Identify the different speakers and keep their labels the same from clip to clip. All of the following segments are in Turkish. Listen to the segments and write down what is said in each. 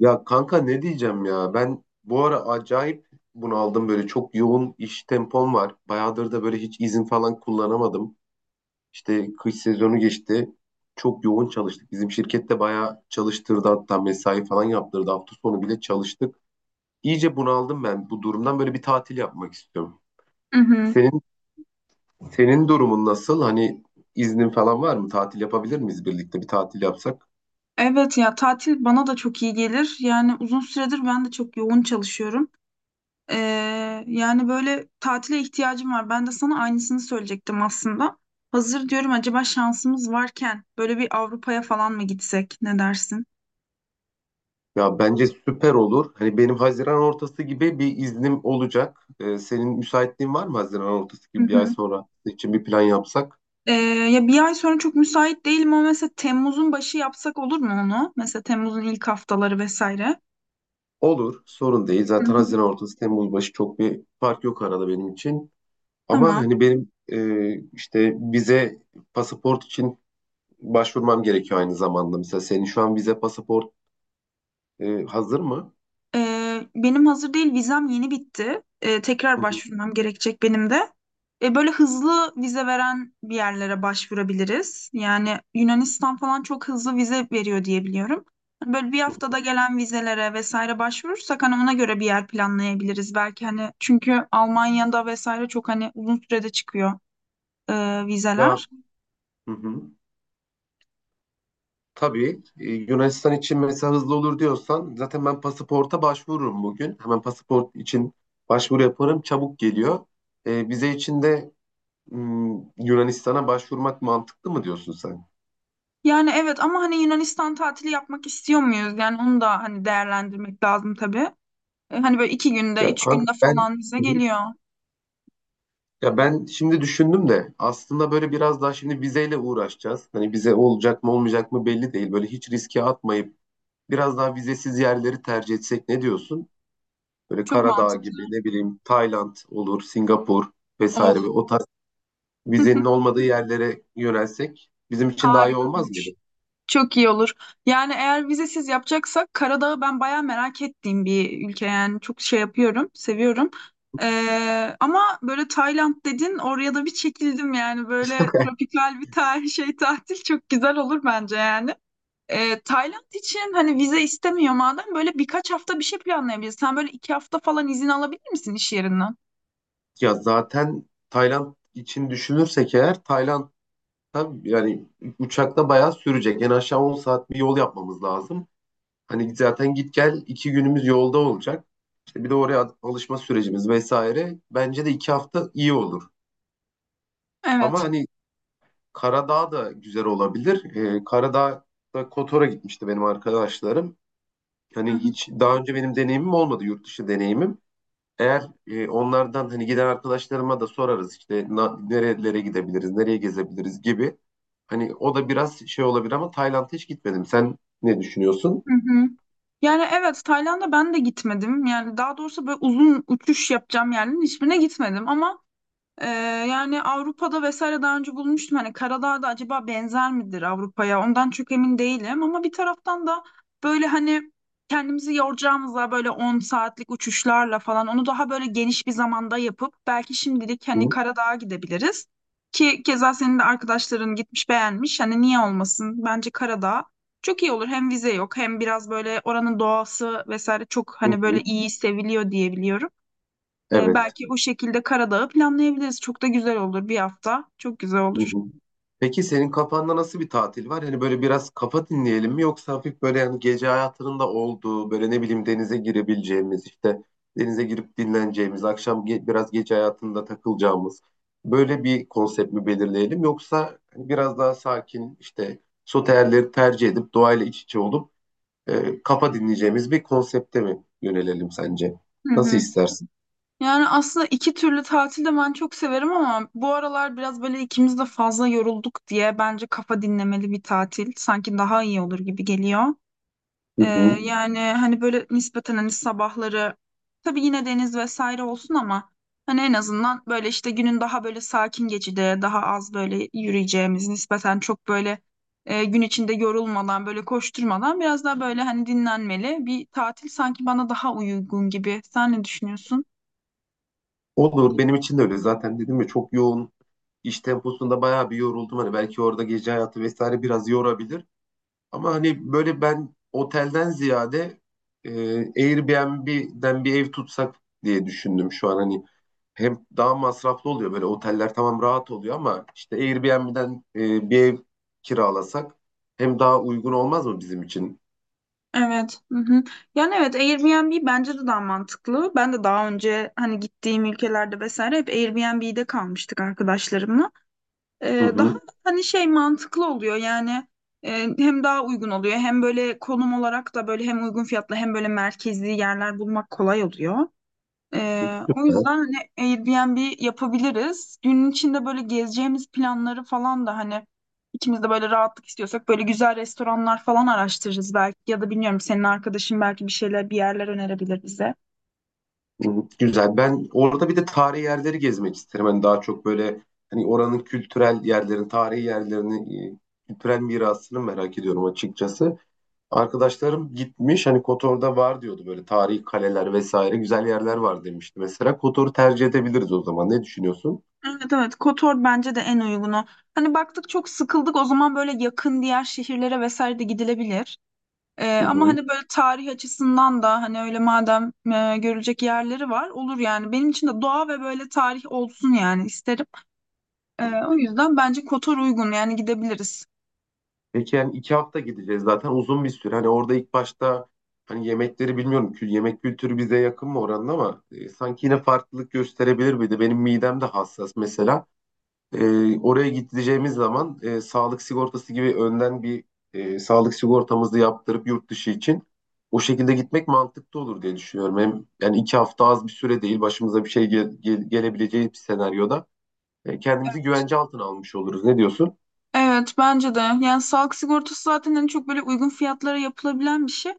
Speaker 1: Ya kanka ne diyeceğim ya ben bu ara acayip bunaldım böyle çok yoğun iş tempom var. Bayağıdır da böyle hiç izin falan kullanamadım. İşte kış sezonu geçti. Çok yoğun çalıştık. Bizim şirkette bayağı çalıştırdı hatta mesai falan yaptırdı. Hafta sonu bile çalıştık. İyice bunaldım ben bu durumdan böyle bir tatil yapmak istiyorum.
Speaker 2: Hı hı.
Speaker 1: Senin senin durumun nasıl? Hani iznin falan var mı? Tatil yapabilir miyiz birlikte bir tatil yapsak?
Speaker 2: Evet ya tatil bana da çok iyi gelir. Yani uzun süredir ben de çok yoğun çalışıyorum. Yani böyle tatile ihtiyacım var. Ben de sana aynısını söyleyecektim aslında. Hazır diyorum acaba şansımız varken böyle bir Avrupa'ya falan mı gitsek? Ne dersin?
Speaker 1: Ya bence süper olur. Hani benim Haziran ortası gibi bir iznim olacak. Senin müsaitliğin var mı Haziran ortası
Speaker 2: Hı
Speaker 1: gibi bir ay
Speaker 2: hı.
Speaker 1: sonra için bir plan yapsak?
Speaker 2: Ee, Ya bir ay sonra çok müsait değilim ama mesela Temmuz'un başı yapsak olur mu onu? Mesela Temmuz'un ilk haftaları vesaire.
Speaker 1: Olur, sorun değil.
Speaker 2: Hı
Speaker 1: Zaten
Speaker 2: hı.
Speaker 1: Haziran ortası Temmuz başı çok bir fark yok arada benim için. Ama
Speaker 2: Tamam.
Speaker 1: hani benim işte vize pasaport için başvurmam gerekiyor aynı zamanda. Mesela senin şu an vize pasaport hazır mı?
Speaker 2: Benim hazır değil, vizem yeni bitti.
Speaker 1: Hı
Speaker 2: Tekrar
Speaker 1: hı.
Speaker 2: başvurmam gerekecek benim de. Böyle hızlı vize veren bir yerlere başvurabiliriz. Yani Yunanistan falan çok hızlı vize veriyor diye biliyorum. Hani böyle bir haftada gelen vizelere vesaire başvurursak hani ona göre bir yer planlayabiliriz belki hani, çünkü Almanya'da vesaire çok hani uzun sürede çıkıyor
Speaker 1: Ya
Speaker 2: vizeler.
Speaker 1: hı hı. Tabii Yunanistan için mesela hızlı olur diyorsan zaten ben pasaporta başvururum bugün. Hemen pasaport için başvuru yaparım. Çabuk geliyor. E, vize için de Yunanistan'a başvurmak mantıklı mı diyorsun sen?
Speaker 2: Yani evet ama hani Yunanistan tatili yapmak istiyor muyuz? Yani onu da hani değerlendirmek lazım tabii. E, hani böyle iki günde,
Speaker 1: Ya
Speaker 2: üç
Speaker 1: kanka
Speaker 2: günde
Speaker 1: ben.
Speaker 2: falan bize
Speaker 1: Hı hı.
Speaker 2: geliyor.
Speaker 1: Ya ben şimdi düşündüm de aslında böyle biraz daha şimdi vizeyle uğraşacağız. Hani vize olacak mı olmayacak mı belli değil. Böyle hiç riske atmayıp biraz daha vizesiz yerleri tercih etsek ne diyorsun? Böyle
Speaker 2: Çok
Speaker 1: Karadağ
Speaker 2: mantıklı.
Speaker 1: gibi ne bileyim Tayland olur, Singapur
Speaker 2: Of.
Speaker 1: vesaire ve o vizenin olmadığı yerlere yönelsek bizim için daha iyi
Speaker 2: Harika
Speaker 1: olmaz
Speaker 2: olmuş.
Speaker 1: mıydı?
Speaker 2: Çok iyi olur. Yani eğer vizesiz yapacaksak Karadağ'ı ben bayağı merak ettiğim bir ülke, yani çok şey yapıyorum, seviyorum. Ama böyle Tayland dedin, oraya da bir çekildim yani, böyle tropikal bir tarih şey, tatil çok güzel olur bence yani. Tayland için hani vize istemiyor madem, böyle birkaç hafta bir şey planlayabiliriz. Sen böyle 2 hafta falan izin alabilir misin iş yerinden?
Speaker 1: Ya zaten Tayland için düşünürsek eğer Tayland'da yani uçakta bayağı sürecek. En aşağı 10 saat bir yol yapmamız lazım. Hani zaten git gel iki günümüz yolda olacak. İşte bir de oraya alışma sürecimiz vesaire. Bence de iki hafta iyi olur. Ama
Speaker 2: Evet.
Speaker 1: hani Karadağ da güzel olabilir. Karadağ'da Kotor'a gitmişti benim arkadaşlarım.
Speaker 2: Hı
Speaker 1: Hani
Speaker 2: hı.
Speaker 1: hiç daha önce benim deneyimim olmadı yurt dışı deneyimim. Eğer onlardan hani giden arkadaşlarıma da sorarız işte nerelere gidebiliriz, nereye gezebiliriz gibi. Hani o da biraz şey olabilir ama Tayland'a hiç gitmedim. Sen ne düşünüyorsun?
Speaker 2: Hı hı. Yani evet, Tayland'a ben de gitmedim. Yani daha doğrusu böyle uzun uçuş yapacağım yerlerin hiçbirine gitmedim ama Ee, yani Avrupa'da vesaire daha önce bulmuştum. Hani Karadağ'da acaba benzer midir Avrupa'ya? Ondan çok emin değilim. Ama bir taraftan da böyle hani kendimizi yoracağımızla böyle 10 saatlik uçuşlarla falan, onu daha böyle geniş bir zamanda yapıp belki şimdilik hani
Speaker 1: Hı
Speaker 2: Karadağ'a gidebiliriz. Ki keza senin de arkadaşların gitmiş beğenmiş. Hani niye olmasın? Bence Karadağ çok iyi olur. Hem vize yok hem biraz böyle oranın doğası vesaire çok
Speaker 1: hı.
Speaker 2: hani böyle
Speaker 1: Hı.
Speaker 2: iyi seviliyor diye biliyorum.
Speaker 1: Evet.
Speaker 2: Belki o şekilde Karadağ'ı planlayabiliriz. Çok da güzel olur 1 hafta. Çok güzel
Speaker 1: Hı
Speaker 2: olur.
Speaker 1: hı. Peki senin kafanda nasıl bir tatil var? Hani böyle biraz kafa dinleyelim mi yoksa hafif böyle yani gece hayatının da olduğu böyle ne bileyim denize girebileceğimiz işte denize girip dinleneceğimiz akşam biraz gece hayatında takılacağımız böyle bir konsept mi belirleyelim yoksa hani biraz daha sakin işte soterleri tercih edip doğayla iç içe olup kafa dinleyeceğimiz bir konsepte mi yönelelim sence?
Speaker 2: Hı
Speaker 1: Nasıl
Speaker 2: hı.
Speaker 1: istersin?
Speaker 2: Yani aslında iki türlü tatil de ben çok severim ama bu aralar biraz böyle ikimiz de fazla yorulduk diye bence kafa dinlemeli bir tatil sanki daha iyi olur gibi geliyor.
Speaker 1: Hı
Speaker 2: Ee,
Speaker 1: hı.
Speaker 2: Yani hani böyle nispeten hani sabahları tabii yine deniz vesaire olsun ama hani en azından böyle işte günün daha böyle sakin geçide daha az böyle yürüyeceğimiz nispeten çok böyle gün içinde yorulmadan böyle koşturmadan biraz daha böyle hani dinlenmeli bir tatil sanki bana daha uygun gibi. Sen ne düşünüyorsun?
Speaker 1: Olur benim için de öyle zaten dedim ya çok yoğun iş temposunda bayağı bir yoruldum. Hani belki orada gece hayatı vesaire biraz yorabilir. Ama hani böyle ben otelden ziyade e, Airbnb'den bir ev tutsak diye düşündüm şu an. Hani hem daha masraflı oluyor böyle oteller tamam rahat oluyor ama işte Airbnb'den bir ev kiralasak hem daha uygun olmaz mı bizim için?
Speaker 2: Evet. Hı hı. Yani evet, Airbnb bence de daha mantıklı. Ben de daha önce hani gittiğim ülkelerde vesaire hep Airbnb'de kalmıştık arkadaşlarımla.
Speaker 1: Hı
Speaker 2: Daha
Speaker 1: hı.
Speaker 2: hani şey mantıklı oluyor yani, e, hem daha uygun oluyor hem böyle konum olarak da böyle hem uygun fiyatlı hem böyle merkezi yerler bulmak kolay oluyor. O yüzden hani Airbnb yapabiliriz. Günün içinde böyle gezeceğimiz planları falan da hani ikimiz de böyle rahatlık istiyorsak böyle güzel restoranlar falan araştırırız belki, ya da bilmiyorum, senin arkadaşın belki bir şeyler, bir yerler önerebilir bize.
Speaker 1: Hı. Güzel. Ben orada bir de tarihi yerleri gezmek isterim. Hani daha çok böyle hani oranın kültürel yerlerini, tarihi yerlerini, kültürel mirasını merak ediyorum açıkçası. Arkadaşlarım gitmiş hani Kotor'da var diyordu böyle tarihi kaleler vesaire güzel yerler var demişti. Mesela Kotor'u tercih edebiliriz o zaman. Ne düşünüyorsun?
Speaker 2: Evet, evet, Kotor bence de en uygunu. Hani baktık çok sıkıldık o zaman böyle yakın diğer şehirlere vesaire de gidilebilir.
Speaker 1: Hı
Speaker 2: Ama
Speaker 1: hı.
Speaker 2: hani böyle tarih açısından da hani öyle madem görülecek yerleri var, olur yani. Benim için de doğa ve böyle tarih olsun yani, isterim. O yüzden bence Kotor uygun, yani gidebiliriz.
Speaker 1: Peki yani iki hafta gideceğiz zaten uzun bir süre. Hani orada ilk başta hani yemekleri bilmiyorum ki yemek kültürü bize yakın mı oranın ama sanki yine farklılık gösterebilir miydi? Benim midem de hassas mesela. E, oraya gideceğimiz zaman sağlık sigortası gibi önden bir sağlık sigortamızı yaptırıp yurt dışı için o şekilde gitmek mantıklı olur diye düşünüyorum. Hem, yani iki hafta az bir süre değil başımıza bir şey gelebileceği bir senaryoda kendimizi güvence altına almış oluruz. Ne diyorsun?
Speaker 2: Evet bence de. Yani sağlık sigortası zaten en çok böyle uygun fiyatlara yapılabilen bir şey.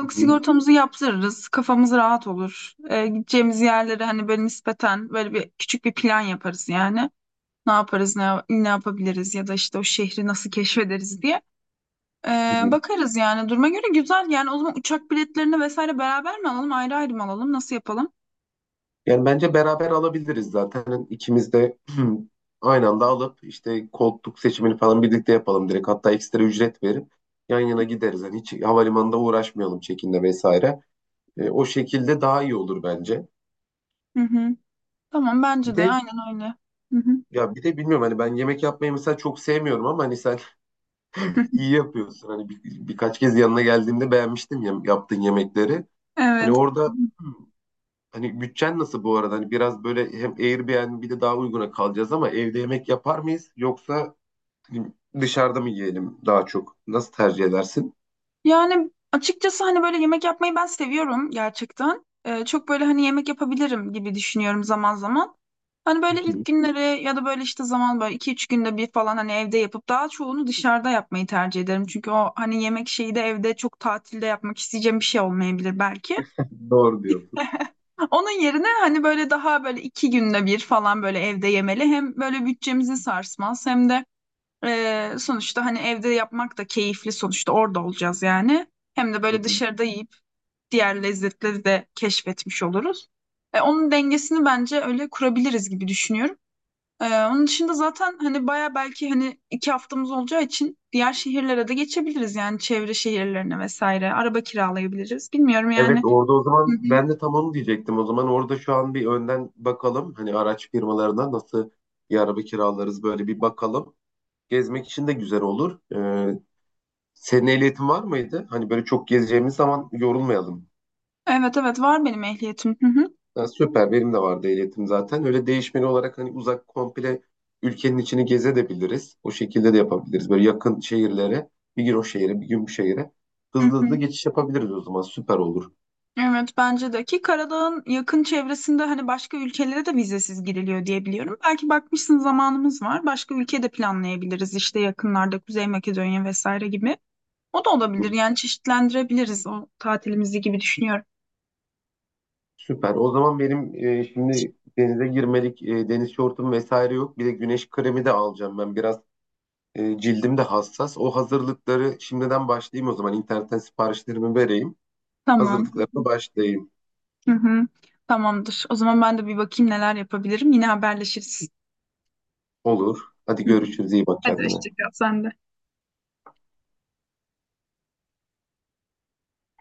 Speaker 1: Hı hı,
Speaker 2: sigortamızı yaptırırız. Kafamız rahat olur. Gideceğimiz yerlere hani böyle nispeten böyle bir küçük bir plan yaparız yani. Ne yaparız, ne yapabiliriz ya da işte o şehri nasıl keşfederiz diye.
Speaker 1: hı hı.
Speaker 2: Bakarız yani duruma göre, güzel. Yani o zaman uçak biletlerini vesaire beraber mi alalım, ayrı ayrı mı alalım, nasıl yapalım?
Speaker 1: Yani bence beraber alabiliriz zaten. Hani ikimiz de aynı anda alıp işte koltuk seçimini falan birlikte yapalım direkt. Hatta ekstra ücret verip yan yana gideriz. Yani hiç havalimanında uğraşmayalım çekimle vesaire. E, o şekilde daha iyi olur bence.
Speaker 2: Hı hı. Tamam,
Speaker 1: Bir
Speaker 2: bence de
Speaker 1: de
Speaker 2: aynen öyle. Hı hı.
Speaker 1: ya bir de bilmiyorum hani ben yemek yapmayı mesela çok sevmiyorum ama hani sen iyi yapıyorsun. Hani birkaç kez yanına geldiğimde beğenmiştim ya, yaptığın yemekleri. Hani
Speaker 2: Evet.
Speaker 1: orada hani bütçen nasıl bu arada? Hani biraz böyle hem Airbnb bir de daha uyguna kalacağız ama evde yemek yapar mıyız yoksa dışarıda mı yiyelim daha çok? Nasıl tercih edersin?
Speaker 2: Yani açıkçası hani böyle yemek yapmayı ben seviyorum gerçekten. Çok böyle hani yemek yapabilirim gibi düşünüyorum zaman zaman. Hani böyle ilk günleri ya da böyle işte zaman böyle iki üç günde bir falan hani evde yapıp daha çoğunu dışarıda yapmayı tercih ederim. Çünkü o hani yemek şeyi de evde çok tatilde yapmak isteyeceğim bir şey olmayabilir belki.
Speaker 1: Doğru diyorsun.
Speaker 2: Onun yerine hani böyle daha böyle 2 günde bir falan böyle evde yemeli. Hem böyle bütçemizi sarsmaz hem de sonuçta hani evde yapmak da keyifli, sonuçta orada olacağız yani. Hem de böyle dışarıda yiyip diğer lezzetleri de keşfetmiş oluruz. E, onun dengesini bence öyle kurabiliriz gibi düşünüyorum. E, onun dışında zaten hani baya belki hani 2 haftamız olacağı için diğer şehirlere de geçebiliriz yani, çevre şehirlerine vesaire. Araba kiralayabiliriz. Bilmiyorum
Speaker 1: Evet
Speaker 2: yani.
Speaker 1: orada o
Speaker 2: Hı
Speaker 1: zaman
Speaker 2: hı.
Speaker 1: ben de tam onu diyecektim. O zaman orada şu an bir önden bakalım. Hani araç firmalarına nasıl bir araba kiralarız böyle bir bakalım. Gezmek için de güzel olur. Senin ehliyetin var mıydı? Hani böyle çok gezeceğimiz zaman yorulmayalım.
Speaker 2: Evet, evet, var benim ehliyetim. Hı hı.
Speaker 1: Ha, süper benim de vardı ehliyetim zaten. Öyle değişmeli olarak hani uzak komple ülkenin içini gezebiliriz. O şekilde de yapabiliriz. Böyle yakın şehirlere bir gün o şehre bir gün bu şehre.
Speaker 2: Hı
Speaker 1: Hızlı
Speaker 2: hı.
Speaker 1: hızlı geçiş yapabiliriz o zaman süper olur.
Speaker 2: Evet bence de, ki Karadağ'ın yakın çevresinde hani başka ülkelere de vizesiz giriliyor diye biliyorum. Belki bakmışsın zamanımız var. Başka ülke de planlayabiliriz işte yakınlarda, Kuzey Makedonya vesaire gibi. O da olabilir yani, çeşitlendirebiliriz o tatilimizi gibi düşünüyorum.
Speaker 1: Süper. O zaman benim şimdi denize girmelik deniz şortum vesaire yok. Bir de güneş kremi de alacağım ben. Biraz cildim de hassas. O hazırlıkları şimdiden başlayayım o zaman. İnternetten siparişlerimi vereyim.
Speaker 2: Tamam.
Speaker 1: Hazırlıklarına başlayayım.
Speaker 2: Hı hı. Tamamdır. O zaman ben de bir bakayım neler yapabilirim. Yine haberleşiriz.
Speaker 1: Olur. Hadi görüşürüz. İyi bak
Speaker 2: Hadi hoşça
Speaker 1: kendine.
Speaker 2: kal sen de.